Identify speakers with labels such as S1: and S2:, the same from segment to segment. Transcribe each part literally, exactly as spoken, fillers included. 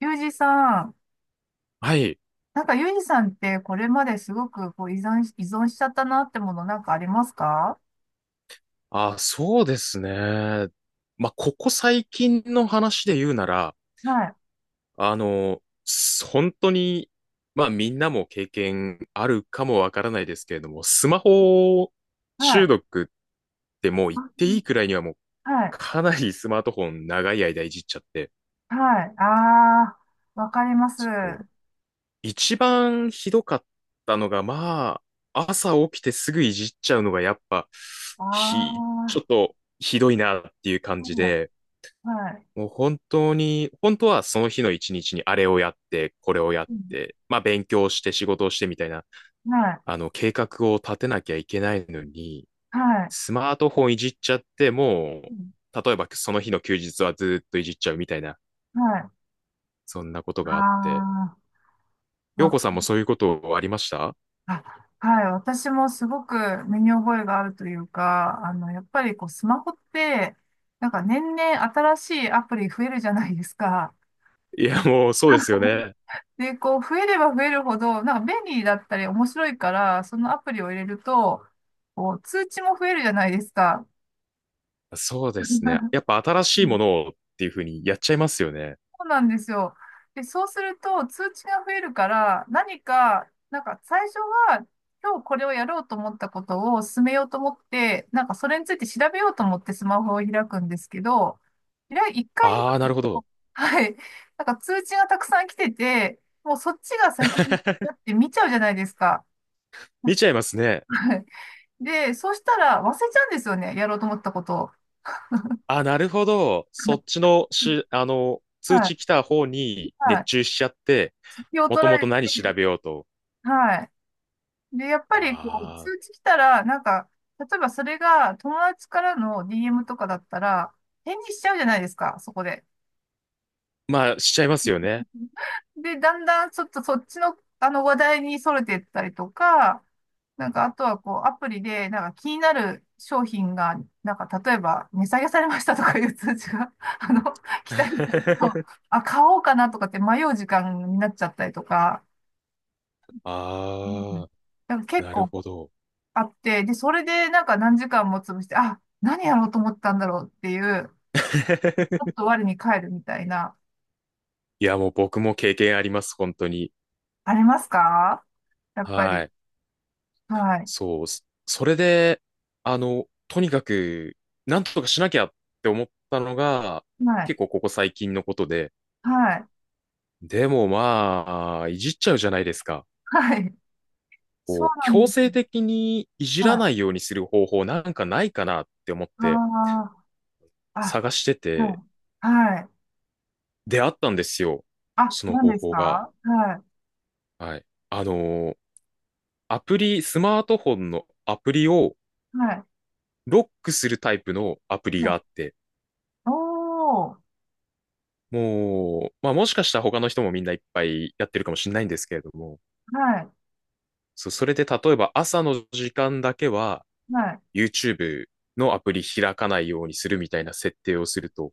S1: ユージさん、
S2: はい。
S1: なんかユージさんってこれまですごくこう依存し、依存しちゃったなってものなんかありますか？
S2: あ、そうですね。まあ、ここ最近の話で言うなら、
S1: はい、
S2: あの、す本当に、まあ、みんなも経験あるかもわからないですけれども、スマホ
S1: は
S2: 中
S1: い、
S2: 毒ってもう言っていい
S1: あ、
S2: くらいにはもう
S1: はい、
S2: かなり スマートフォン長い間いじっちゃって、
S1: はい。あー、わかります。
S2: そう。
S1: あ
S2: 一番ひどかったのが、まあ、朝起きてすぐいじっちゃうのがやっぱ、
S1: ー、
S2: ひ、ちょ
S1: は
S2: っとひどいなっていう感
S1: い、
S2: じで、
S1: はい、
S2: もう本当に、本当はその日の一日にあれをやって、これをやっ
S1: うん、
S2: て、まあ勉強して仕事をしてみたいな、
S1: はい、
S2: あの計画を立てなきゃいけないのに、
S1: はい、
S2: スマートフォンいじっちゃっても
S1: うん、
S2: う、例えばその日の休日はずーっといじっちゃうみたいな、
S1: はい、
S2: そんなことがあって。
S1: あー、
S2: 陽
S1: わ、
S2: 子さんもそういうことありました？
S1: あ、はい、私もすごく身に覚えがあるというか、あの、やっぱりこうスマホって、なんか年々新しいアプリ増えるじゃないですか。
S2: いや、もうそうですよね。
S1: で、こう、増えれば増えるほど、なんか便利だったり面白いから、そのアプリを入れると、こう、通知も増えるじゃないですか。
S2: そうですね。やっ ぱ新しいものをっていうふうにやっちゃいますよね。
S1: そうなんですよ。で、そうすると通知が増えるから、何か、なんか最初は今日これをやろうと思ったことを進めようと思って、なんかそれについて調べようと思ってスマホを開くんですけど、開い一回
S2: ああ、な
S1: 開く
S2: るほ
S1: と、
S2: ど。
S1: はい。なんか通知がたくさん来てて、もうそっちが先にやっ て見ちゃうじゃないですか。
S2: 見ちゃいますね。
S1: はい。で、そしたら忘れちゃうんですよね。やろうと思ったことを。
S2: あ、なるほど。そっち のし、あの、通
S1: はい。
S2: 知来た方に
S1: は
S2: 熱
S1: い。
S2: 中しちゃって、
S1: 気を
S2: も
S1: 取
S2: と
S1: ら
S2: も
S1: れ
S2: と
S1: て、
S2: 何調べようと。
S1: はい。で、やっぱりこう、
S2: ああ、
S1: 通知来たら、なんか、例えばそれが友達からの ディーエム とかだったら、返事しちゃうじゃないですか、そこで。
S2: まあ、しちゃいますよね。
S1: で、だんだんちょっとそっちの、あの話題に逸れてったりとか、なんか、あとはこう、アプリで、なんか気になる商品が、なんか、例えば、値下げされましたとかいう通知が、あの、来たりすると、あ、買おうかなとかって迷う時間になっちゃったりとか、うん、
S2: ああ、
S1: なんか結
S2: なるほ
S1: 構
S2: ど。
S1: あって、で、それでなんか何時間も潰して、あ、何やろうと思ったんだろうっていう、ち ょっと我に返るみたいな、
S2: いや、もう僕も経験あります、本当に。
S1: ありますか？やっぱ
S2: は
S1: り。
S2: い。
S1: はい。
S2: そう。そそれで、あの、とにかく、なんとかしなきゃって思ったのが、
S1: はい。
S2: 結構ここ最近のことで。
S1: はい。
S2: でもまあ、いじっちゃうじゃないですか。
S1: はい。そう
S2: こう、
S1: な
S2: 強
S1: んで
S2: 制
S1: す。
S2: 的にいじ
S1: は
S2: らな
S1: い。
S2: いようにする方法なんかないかなって思って
S1: ああ。
S2: 探して
S1: あ、
S2: て、
S1: はい。はい。
S2: 出会ったんですよ。
S1: あ、
S2: その
S1: 何
S2: 方
S1: です
S2: 法が。
S1: か？は
S2: はい。あのーアプリ、スマートフォンのアプリを
S1: い、はい、
S2: ロックするタイプのアプリ
S1: は
S2: があっ
S1: い。
S2: て、
S1: おー、
S2: もう、まあもしかしたら他の人もみんないっぱいやってるかもしれないんですけれども、
S1: はい、
S2: そう、それで例えば朝の時間だけは
S1: はい、
S2: YouTube のアプリ開かないようにするみたいな設定をすると、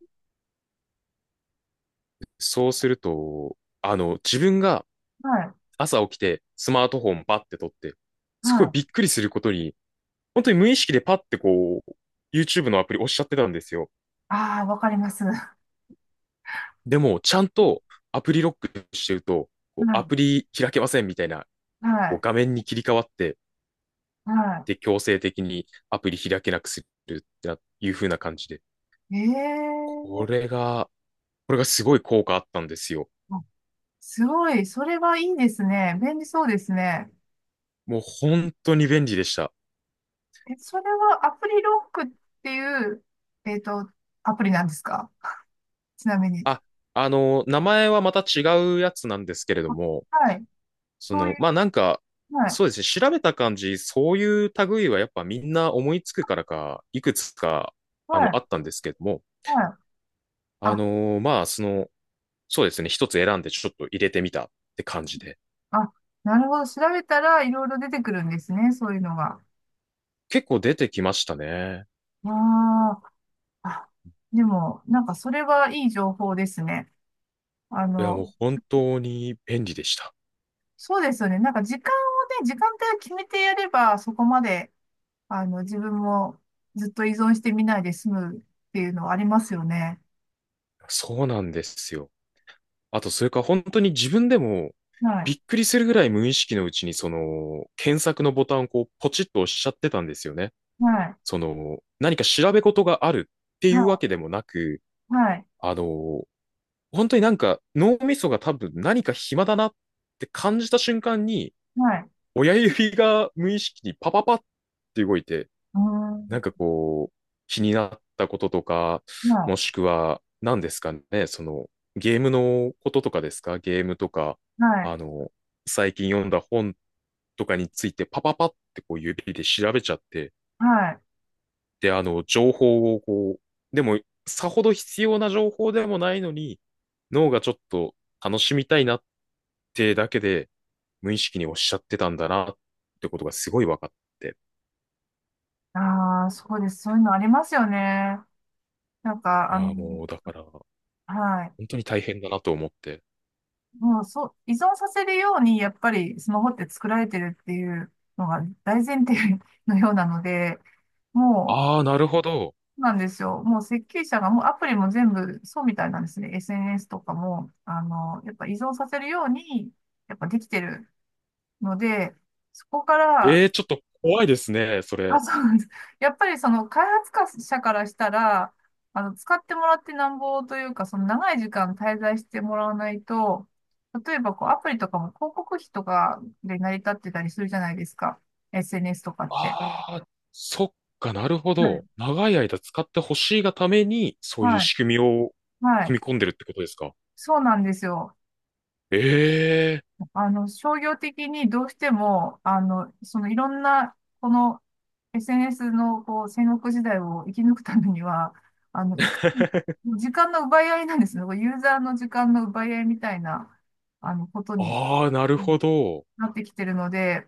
S2: そうすると、あの、自分が
S1: はい、
S2: 朝起きてスマートフォンパッて取って、
S1: は
S2: すごい
S1: い。
S2: びっくりすることに、本当に無意識でパッてこう、YouTube のアプリ押しちゃってたんですよ。
S1: ああ、わかります。は
S2: でも、ちゃんとアプリロックしてると、こうア
S1: い、
S2: プリ開けませんみたいな、
S1: は
S2: こう
S1: い、
S2: 画面に切り替わって、
S1: は
S2: で、強制的にアプリ開けなくするってないう風な感じで。
S1: い。ええ
S2: こ
S1: ー、
S2: れが、これがすごい効果あったんですよ。
S1: あ、すごい。それはいいですね。便利そうですね。
S2: もう本当に便利でした。
S1: え、それはアプリロックっていう、えっと、アプリなんですか？ちなみに。
S2: あ、あの、名前はまた違うやつなんですけれど
S1: あ、
S2: も、
S1: はい。
S2: そ
S1: そうい
S2: の、
S1: う、
S2: まあなんか、
S1: はい、
S2: そうですね、調べた感じ、そういう類はやっぱみんな思いつくからか、いくつか、
S1: は
S2: あの、あ
S1: い、
S2: ったんですけども、
S1: はい。
S2: あ
S1: あ、
S2: のーまあ、その、そうですね、一つ選んでちょっと入れてみたって感じで、
S1: あ、なるほど。調べたらいろいろ出てくるんですね。そういうのが。
S2: 結構出てきましたね。
S1: ああ。あ、でも、なんかそれはいい情報ですね。あ
S2: いや、もう
S1: の、
S2: 本当に便利でした。
S1: そうですよね。なんか時間をね、時間帯を決めてやれば、そこまで、あの、自分もずっと依存してみないで済むっていうのはありますよね。
S2: そうなんですよ。あと、それか本当に自分でも
S1: は
S2: び
S1: い、
S2: っくりするぐらい無意識のうちにその検索のボタンをこうポチッと押しちゃってたんですよね。
S1: はい、
S2: その何か調べ事があるって
S1: は
S2: いうわ
S1: い、
S2: けでもなく、
S1: はい、
S2: あの、本当になんか脳みそが多分何か暇だなって感じた瞬間に
S1: はい、
S2: 親指が無意識にパパパって動いて、
S1: うーん、
S2: なんかこう、気になったこととか、も
S1: は
S2: しくは、何ですかね、その、ゲームのこととかですか？ゲームとか、
S1: い、はい、
S2: あの、最近読んだ本とかについて、パパパってこう指で調べちゃって、
S1: はい。
S2: で、あの、情報をこう、でも、さほど必要な情報でもないのに、脳がちょっと楽しみたいなってだけで、無意識におっしゃってたんだなってことがすごい分かって、
S1: ああ、そうです。そういうのありますよね。なんか、あ
S2: あ
S1: の、
S2: あ、もう、だから、本
S1: はい。
S2: 当に大変だなと思って、
S1: もうそう、依存させるように、やっぱりスマホって作られてるっていうのが大前提のようなので、もう、そ
S2: ああ、なるほど。
S1: うなんですよ。もう設計者がもうアプリも全部そうみたいなんですね。エスエヌエス とかも、あの、やっぱ依存させるように、やっぱできてるので、そこか
S2: え
S1: ら、
S2: え、ちょっと怖いですね、そ
S1: あ、
S2: れ。
S1: そうなんです。やっぱりその開発者からしたら、あの、使ってもらってなんぼというか、その長い時間滞在してもらわないと、例えばこうアプリとかも広告費とかで成り立ってたりするじゃないですか。エスエヌエス とかって。
S2: ああ、そっか、なるほ
S1: は
S2: ど。
S1: い。
S2: 長い間使ってほしいがために、そういう
S1: はい。
S2: 仕組みを
S1: はい。
S2: 組み込んでるってことですか？
S1: そうなんですよ。
S2: ええ、
S1: あの、商業的にどうしても、あの、そのいろんな、この エスエヌエス のこう戦国時代を生き抜くためには、あの、いく、時間の奪い合いなんですね。こうユーザーの時間の奪い合いみたいな、あの、ことに、
S2: ああ、なる
S1: うん、
S2: ほど。
S1: なってきてるので、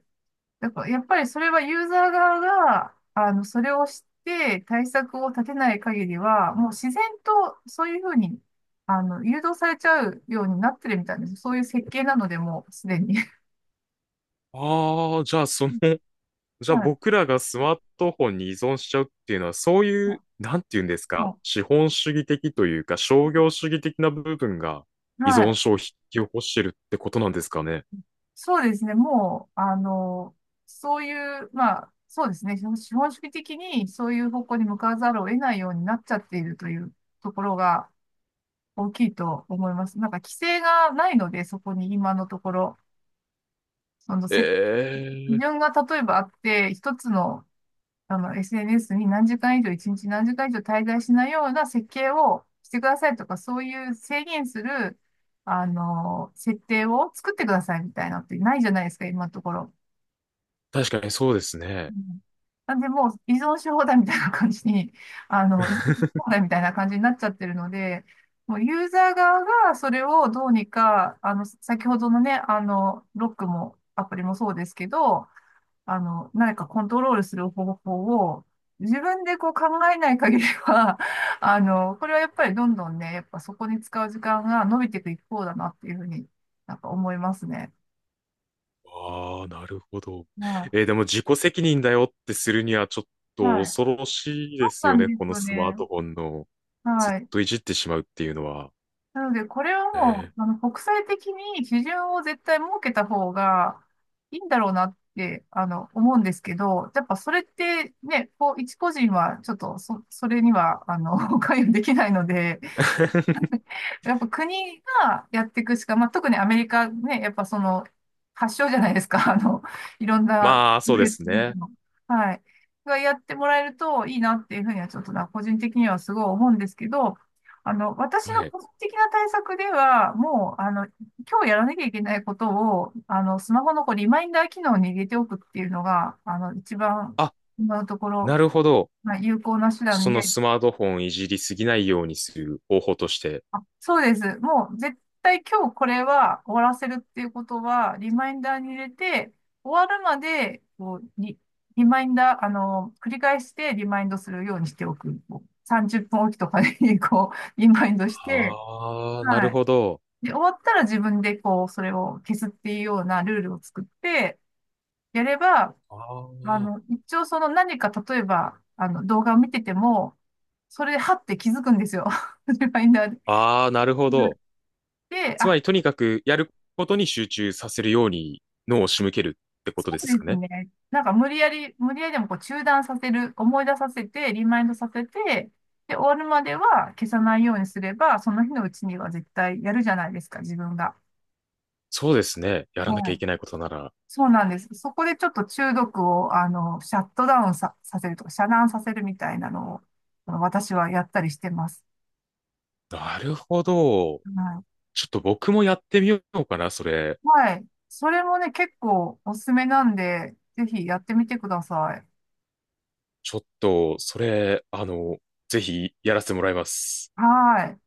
S1: だからやっぱりそれはユーザー側が、あの、それを知って対策を立てない限りは、もう自然とそういうふうに、あの、誘導されちゃうようになってるみたいです。そういう設計なので、もうすでに。
S2: ああ、じゃあ、その、じゃあ
S1: はい。
S2: 僕らがスマートフォンに依存しちゃうっていうのは、そうい
S1: あ
S2: う、なんて言うんです
S1: あ。
S2: か、
S1: は
S2: 資本主義的というか、商業主義的な部分が
S1: い。
S2: 依
S1: は
S2: 存
S1: い。
S2: 症を引き起こしてるってことなんですかね？
S1: そうですね。もう、あの、そういう、まあ、そうですね。資本資本主義的にそういう方向に向かわざるを得ないようになっちゃっているというところが大きいと思います。なんか規制がないので、そこに今のところ、その
S2: え
S1: せ基
S2: え、
S1: 準が例えばあって、一つのあの、エスエヌエス に何時間以上、一日何時間以上滞在しないような設計をしてくださいとか、そういう制限する、あの、設定を作ってくださいみたいなのってないじゃないですか、今のところ。
S2: 確かにそうです
S1: う
S2: ね。
S1: ん、なんで、もう依存し放題みたいな感じに、あの、依存し放題みたいな感じになっちゃってるので、もうユーザー側がそれをどうにか、あの、先ほどのね、あの、ロックもアプリもそうですけど、あの、何かコントロールする方法を自分でこう考えない限りは、あの、これはやっぱりどんどんね、やっぱそこに使う時間が伸びていく一方だなっていうふうになんか思いますね。
S2: ああ、なるほど。
S1: は
S2: えーでも自己責任だよってするにはちょっ
S1: い。
S2: と
S1: はい。
S2: 恐ろしい
S1: そ
S2: で
S1: う
S2: す
S1: な
S2: よ
S1: ん
S2: ね。
S1: です
S2: この
S1: よ
S2: スマー
S1: ね。
S2: トフォンのずっ
S1: はい。
S2: といじってしまうっていうのは。
S1: なので、これはも
S2: えー
S1: う、あの、国際的に基準を絶対設けた方がいいんだろうなって、あの、思うんですけど、やっぱそれってね、こう、一個人はちょっとそ、それには、あの、関与できないので、やっぱ国がやっていくしか、まあ、特にアメリカね、やっぱその発祥じゃないですか、あの、いろんな、
S2: まあ、そうですね。
S1: はい、がやってもらえるといいなっていうふうにはちょっとな、個人的にはすごい思うんですけど、あの、私
S2: は
S1: の
S2: い。
S1: 個人的な対策では、もう、あの、今日やらなきゃいけないことを、あの、スマホのこうリマインダー機能に入れておくっていうのが、あの、一番
S2: あ、
S1: 今のところ、
S2: なるほど。
S1: まあ、有効な手
S2: そ
S1: 段
S2: の
S1: で、
S2: スマートフォンいじりすぎないようにする方法として。
S1: そうです。もう絶対今日これは終わらせるっていうことは、リマインダーに入れて、終わるまで、こう、リ、リマインダー、あの、繰り返してリマインドするようにしておく。こうさんじゅっぷんおきとかに、こう、リマインドして、
S2: ああ、な
S1: は
S2: る
S1: い。
S2: ほど。
S1: で、終わったら自分で、こう、それを消すっていうようなルールを作って、やれば、
S2: あ
S1: あ
S2: ー
S1: の、一応その何か、例えば、あの、動画を見てても、それで、はって気づくんですよ。リマインダーで。
S2: あー、なるほ
S1: うん、
S2: ど。
S1: で、
S2: つま
S1: あ、
S2: り、とにかくやることに集中させるように脳を仕向けるってこ
S1: そ
S2: とで
S1: う
S2: す
S1: で
S2: か
S1: す
S2: ね？
S1: ね。なんか無理やり、無理やりでもこう中断させる、思い出させて、リマインドさせて、で、終わるまでは消さないようにすれば、その日のうちには絶対やるじゃないですか、自分が。
S2: そうですね。やらなき
S1: は
S2: ゃい
S1: い。
S2: けないことなら。
S1: そうなんです。そこでちょっと中毒を、あの、シャットダウンさ、させるとか、遮断させるみたいなのを、あの私はやったりしてます。
S2: なるほど。
S1: はい。
S2: ちょっと僕もやってみようかな、それ。
S1: はい。それもね、結構おすすめなんで、ぜひやってみてください。
S2: ちょっと、それ、あの、ぜひやらせてもらいます。
S1: はい。